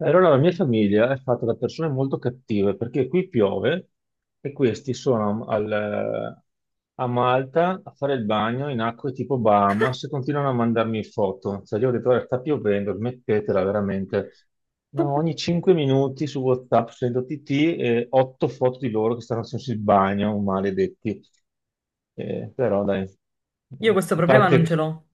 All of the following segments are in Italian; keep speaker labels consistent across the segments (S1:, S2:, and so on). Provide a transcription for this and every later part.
S1: Allora, la mia famiglia è fatta da persone molto cattive perché qui piove e questi sono a Malta a fare il bagno in acque tipo Bahamas e continuano a mandarmi foto. Cioè, io ho detto, "Guarda, sta piovendo, smettetela veramente. No, ogni 5 minuti su WhatsApp sento TT e 8 foto di loro che stanno facendo il bagno, maledetti." Però dai.
S2: Io
S1: Eh,
S2: questo
S1: a
S2: problema non ce
S1: parte...
S2: l'ho.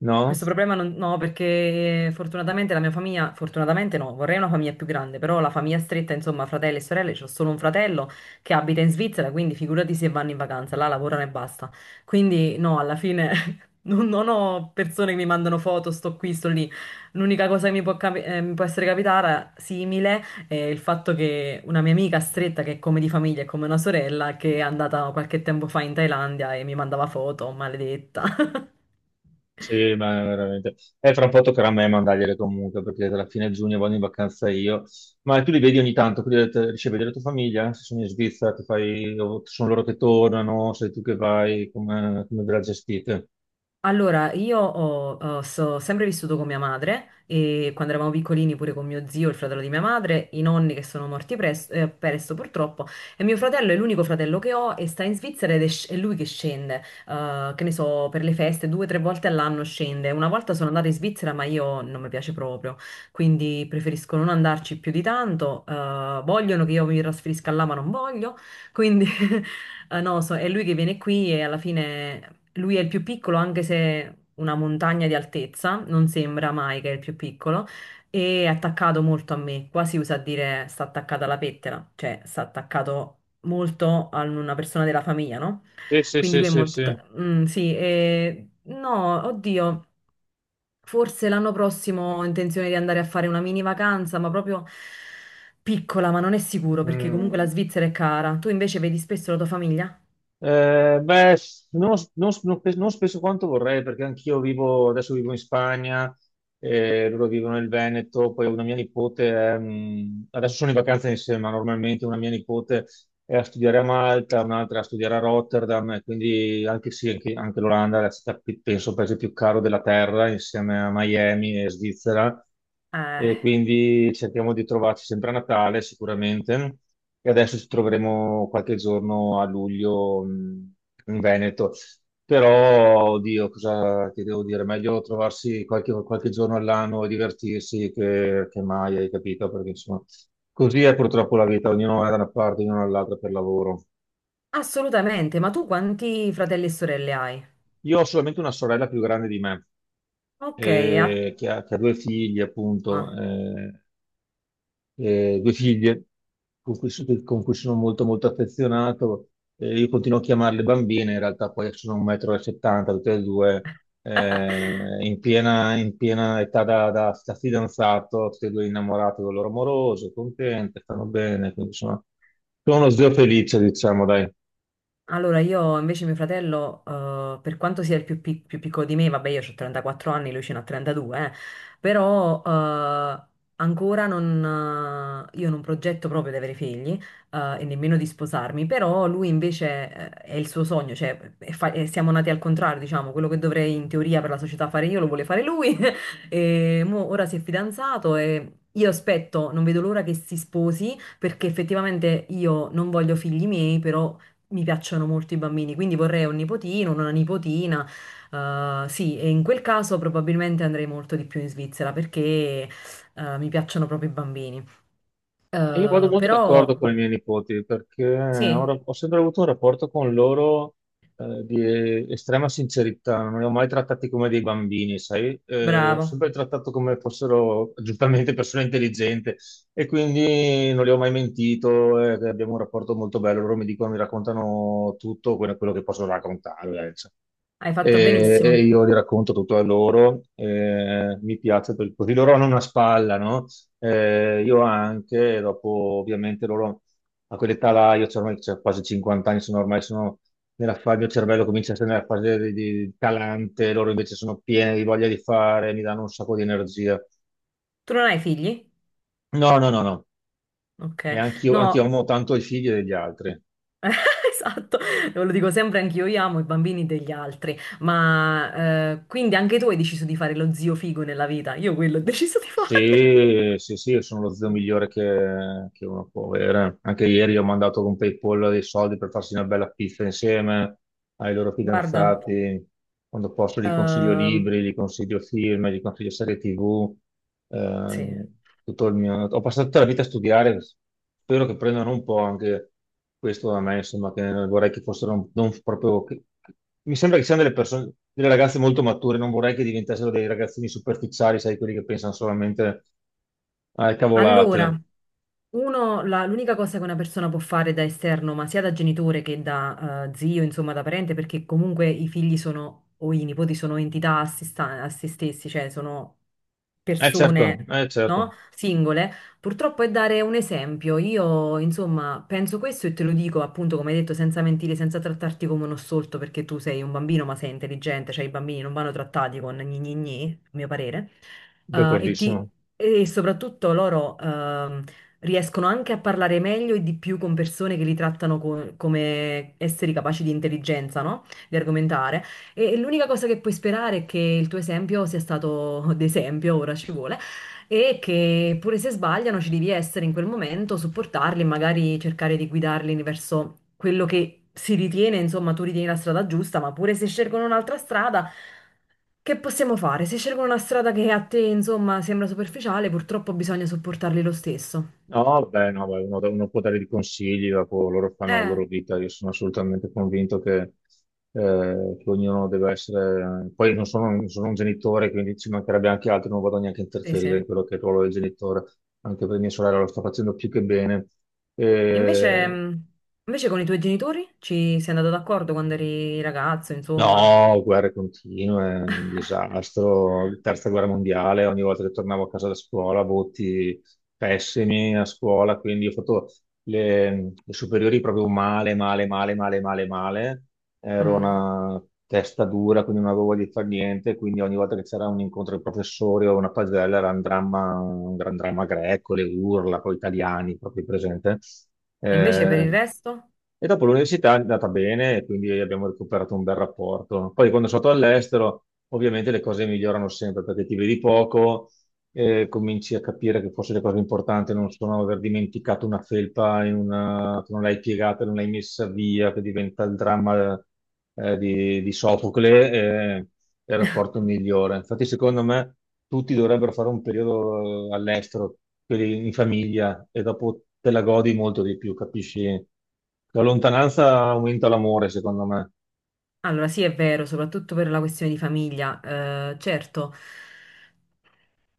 S1: No?
S2: Questo problema non, no, perché fortunatamente la mia famiglia, fortunatamente no, vorrei una famiglia più grande, però la famiglia stretta, insomma, fratelli e sorelle, c'ho solo un fratello che abita in Svizzera, quindi figurati se vanno in vacanza, là lavorano e basta. Quindi no, alla fine non ho persone che mi mandano foto, sto qui, sto lì. L'unica cosa che mi può, mi può essere capitata simile è il fatto che una mia amica stretta, che è come di famiglia, è come una sorella, che è andata qualche tempo fa in Thailandia e mi mandava foto, maledetta.
S1: Sì, ma veramente. E fra un po' toccherà a me mandargliele comunque, perché alla fine giugno vado in vacanza io. Ma tu li vedi ogni tanto, quindi ho detto, riesci a vedere la tua famiglia? Se sono in Svizzera, ti fai... o sono loro che tornano, sei tu che vai, come, come ve la gestite?
S2: Allora, io sempre vissuto con mia madre e quando eravamo piccolini pure con mio zio, il fratello di mia madre, i nonni che sono morti presto purtroppo e mio fratello è l'unico fratello che ho e sta in Svizzera ed è, è lui che scende, che ne so, per le feste due o tre volte all'anno scende. Una volta sono andata in Svizzera ma io non mi piace proprio, quindi preferisco non andarci più di tanto, vogliono che io mi trasferisca là ma non voglio, quindi... Ah, no, è lui che viene qui e alla fine lui è il più piccolo, anche se una montagna di altezza, non sembra mai che è il più piccolo, e è attaccato molto a me. Qua si usa a dire sta attaccato alla pettela, cioè sta attaccato molto a una persona della famiglia, no?
S1: Sì, sì,
S2: Quindi
S1: sì,
S2: lui è
S1: sì,
S2: molto...
S1: sì.
S2: sì, e... no, oddio, forse l'anno prossimo ho intenzione di andare a fare una mini vacanza, ma proprio piccola, ma non è sicuro, perché comunque la
S1: Mm.
S2: Svizzera è cara. Tu invece vedi spesso la tua famiglia?
S1: Beh, non spesso quanto vorrei, perché anch'io vivo, adesso vivo in Spagna, loro vivono nel Veneto. Poi una mia nipote adesso sono in vacanza insieme, ma normalmente una mia nipote e a studiare a Malta, un'altra a studiare a Rotterdam, e quindi anche, sì, anche, anche l'Olanda è la città, penso, il paese più caro della terra, insieme a Miami e Svizzera.
S2: Eh.
S1: E quindi cerchiamo di trovarci sempre a Natale, sicuramente. E adesso ci troveremo qualche giorno a luglio, in Veneto. Però, oddio, cosa ti devo dire? Meglio trovarsi qualche giorno all'anno e divertirsi che mai, hai capito? Perché insomma così è purtroppo la vita, ognuno va da una parte, ognuno dall'altra per lavoro.
S2: Assolutamente, ma tu quanti fratelli e sorelle hai?
S1: Io ho solamente una sorella più grande di me,
S2: Ok, a...
S1: che ha due figli, appunto,
S2: ah,
S1: due figlie con cui, con cui sono molto, molto affezionato. Io continuo a chiamarle bambine, in realtà poi sono 1,70 m, tutte e due, in piena età da fidanzato, tutte e due innamorate del loro amoroso, contente, stanno bene, quindi sono, sono uno zio felice, diciamo, dai.
S2: allora, io invece mio fratello, per quanto sia più piccolo di me, vabbè, io ho 34 anni, lui ce n'ha 32, però ancora non, io non progetto proprio di avere figli e nemmeno di sposarmi, però lui invece è il suo sogno, cioè e siamo nati al contrario, diciamo, quello che dovrei in teoria per la società fare io lo vuole fare lui e mo ora si è fidanzato e... Io aspetto, non vedo l'ora che si sposi perché effettivamente io non voglio figli miei, però mi piacciono molto i bambini, quindi vorrei un nipotino, una nipotina. Sì, e in quel caso probabilmente andrei molto di più in Svizzera perché mi piacciono proprio i bambini.
S1: Io vado molto
S2: Però
S1: d'accordo con i miei nipoti perché ho,
S2: sì,
S1: ra- ho sempre avuto un rapporto con loro, di estrema sincerità, non li ho mai trattati come dei bambini, sai? Ho
S2: bravo,
S1: sempre trattato come fossero giustamente persone intelligenti e quindi non li ho mai mentito. Abbiamo un rapporto molto bello, loro mi dicono, mi raccontano tutto quello che possono raccontare, cioè
S2: hai fatto
S1: e
S2: benissimo.
S1: io gli racconto tutto a loro. Mi piace perché così loro hanno una spalla, no? Io anche, e dopo ovviamente loro a quell'età là, io c'ho ormai c'ho quasi 50 anni, sono ormai sono nella fase, il mio cervello comincia a essere nella fase di calante, loro invece sono pieni di voglia di fare, mi danno un sacco di energia.
S2: Tu non hai figli?
S1: No, no, no, no.
S2: Ok,
S1: E anch'io
S2: no.
S1: amo tanto i figli degli altri.
S2: Esatto, lo dico sempre anch'io, io amo i bambini degli altri, ma quindi anche tu hai deciso di fare lo zio figo nella vita, io quello ho deciso di fare.
S1: Sì, sì, sì, sono lo zio migliore che uno può avere. Anche ieri ho mandato con PayPal dei soldi per farsi una bella pizza insieme ai loro
S2: Guarda,
S1: fidanzati. Quando posso gli consiglio
S2: ehm,
S1: libri, gli consiglio film, gli consiglio serie TV.
S2: sì.
S1: eh, Tutto il mio... Ho passato tutta la vita a studiare, spero che prendano un po' anche questo da me, insomma, che vorrei che fossero non proprio... Mi sembra che siano delle persone, delle ragazze molto mature, non vorrei che diventassero dei ragazzini superficiali, sai, quelli che pensano solamente alle
S2: Allora,
S1: cavolate.
S2: uno, l'unica cosa che una persona può fare da esterno, ma sia da genitore che da zio, insomma da parente, perché comunque i figli sono, o i nipoti sono entità a se stessi, cioè sono
S1: Certo,
S2: persone,
S1: eh certo,
S2: no? Singole, purtroppo è dare un esempio. Io, insomma, penso questo e te lo dico appunto, come hai detto, senza mentire, senza trattarti come uno stolto, perché tu sei un bambino, ma sei intelligente, cioè i bambini non vanno trattati con gni gni gni, a mio parere. Eh, e ti
S1: d'accordissimo.
S2: e soprattutto loro riescono anche a parlare meglio e di più con persone che li trattano come esseri capaci di intelligenza, no? Di argomentare. E l'unica cosa che puoi sperare è che il tuo esempio sia stato d'esempio, ora ci vuole, e che pure se sbagliano ci devi essere in quel momento, supportarli, e magari cercare di guidarli verso quello che si ritiene, insomma, tu ritieni la strada giusta, ma pure se scelgono un'altra strada, che possiamo fare? Se scelgono una strada che a te, insomma, sembra superficiale, purtroppo bisogna supportarli lo stesso.
S1: No, beh, no, beh, uno può dare dei consigli, dopo loro fanno la
S2: Eh,
S1: loro vita, io sono assolutamente convinto che ognuno deve essere... Poi non sono un genitore, quindi ci mancherebbe anche altro, non vado neanche a
S2: sì, sì.
S1: interferire
S2: E
S1: in quello che è il ruolo del genitore, anche per mia sorella lo sta facendo più che bene.
S2: invece,
S1: Eh,
S2: invece con i tuoi genitori ci sei andato d'accordo quando eri ragazzo, insomma.
S1: No, guerre continue, un disastro, terza guerra mondiale, ogni volta che tornavo a casa da scuola, voti pessimi a scuola, quindi ho fatto le, le superiori proprio male, male, male, male, male, male. Ero
S2: Mm.
S1: una testa dura, quindi non avevo voglia di fare niente, quindi ogni volta che c'era un incontro di professori o una pagella era un dramma, un gran dramma greco, le urla, poi italiani, proprio presente.
S2: E invece per
S1: Eh,
S2: il resto?
S1: e dopo l'università è andata bene, e quindi abbiamo recuperato un bel rapporto. Poi quando sono stato all'estero, ovviamente le cose migliorano sempre perché ti vedi poco, cominci a capire che forse le cose importanti non sono aver dimenticato una felpa in che non l'hai piegata, non l'hai messa via, che diventa il dramma, di Sofocle, è il rapporto migliore. Infatti, secondo me, tutti dovrebbero fare un periodo, all'estero, quelli in famiglia, e dopo te la godi molto di più, capisci? La lontananza aumenta l'amore, secondo me.
S2: Allora, sì, è vero, soprattutto per la questione di famiglia. Certo,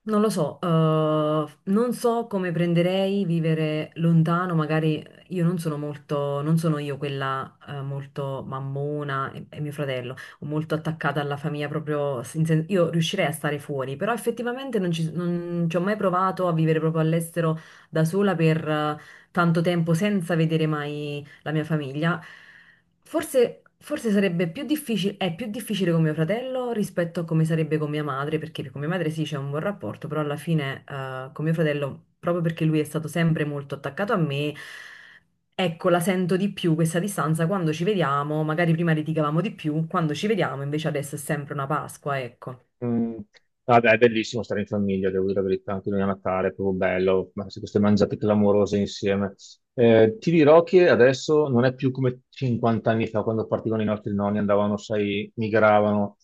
S2: non lo so, non so come prenderei vivere lontano, magari io non sono molto, non sono io quella, molto mammona e mio fratello, o molto attaccata alla famiglia proprio, io riuscirei a stare fuori, però effettivamente non ci ho mai provato a vivere proprio all'estero da sola per tanto tempo senza vedere mai la mia famiglia. Forse sarebbe più difficile, è più difficile con mio fratello rispetto a come sarebbe con mia madre, perché con mia madre sì c'è un buon rapporto, però alla fine con mio fratello, proprio perché lui è stato sempre molto attaccato a me, ecco, la sento di più questa distanza quando ci vediamo, magari prima litigavamo di più, quando ci vediamo invece adesso è sempre una Pasqua, ecco.
S1: Mm. Vabbè, è bellissimo stare in famiglia, devo dire la verità, anche noi a Natale è proprio bello, ma se queste mangiate clamorose insieme. Ti dirò che adesso non è più come 50 anni fa, quando partivano i nostri nonni, andavano, sai, migravano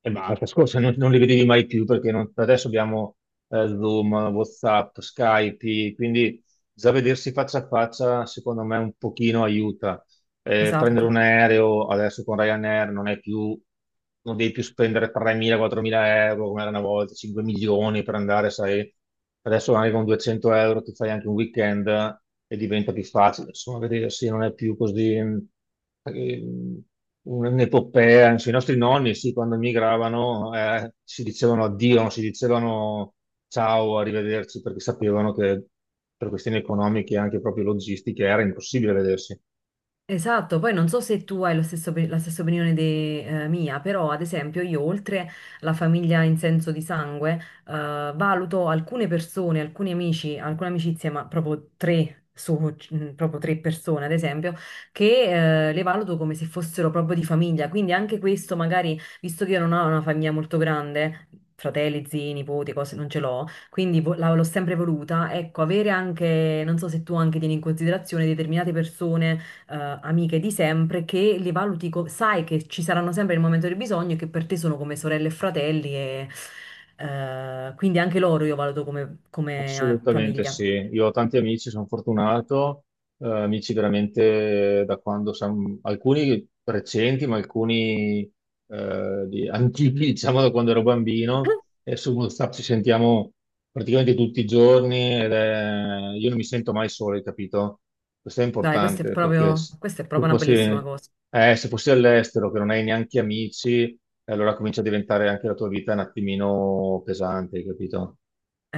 S1: e basta, scorsa non, non li vedevi mai più perché non- adesso abbiamo, Zoom, WhatsApp, Skype, quindi già vedersi faccia a faccia, secondo me, un pochino aiuta. Prendere
S2: Esatto.
S1: un aereo adesso con Ryanair non è più, non devi più spendere 3.000-4.000 euro come era una volta, 5 milioni per andare, sai, adesso anche con 200 euro ti fai anche un weekend e diventa più facile, insomma, vedersi non è più così, un'epopea, anzi, i nostri nonni, sì, quando migravano, si dicevano addio, non si dicevano ciao, arrivederci, perché sapevano che per questioni economiche e anche proprio logistiche era impossibile vedersi.
S2: Esatto, poi non so se tu hai lo la stessa opinione mia, però ad esempio io oltre la famiglia in senso di sangue, valuto alcune persone, alcuni amici, alcune amicizie, ma proprio tre, su, proprio tre persone ad esempio, che le valuto come se fossero proprio di famiglia, quindi anche questo magari, visto che io non ho una famiglia molto grande, fratelli, zii, nipoti, cose non ce l'ho, quindi l'ho sempre voluta, ecco, avere anche, non so se tu anche tieni in considerazione determinate persone eh, amiche di sempre che li valuti, sai che ci saranno sempre il momento del bisogno e che per te sono come sorelle e fratelli e quindi anche loro io valuto come
S1: Assolutamente
S2: famiglia.
S1: sì, io ho tanti amici, sono fortunato, amici veramente da quando siamo, alcuni recenti, ma alcuni antichi, diciamo da quando ero bambino, e su WhatsApp ci sentiamo praticamente tutti i giorni io non mi sento mai solo, hai capito? Questo è
S2: Dai,
S1: importante perché se
S2: questa è
S1: tu
S2: proprio una
S1: fossi,
S2: bellissima cosa.
S1: se fossi all'estero che non hai neanche amici, allora comincia a diventare anche la tua vita un attimino pesante, hai capito?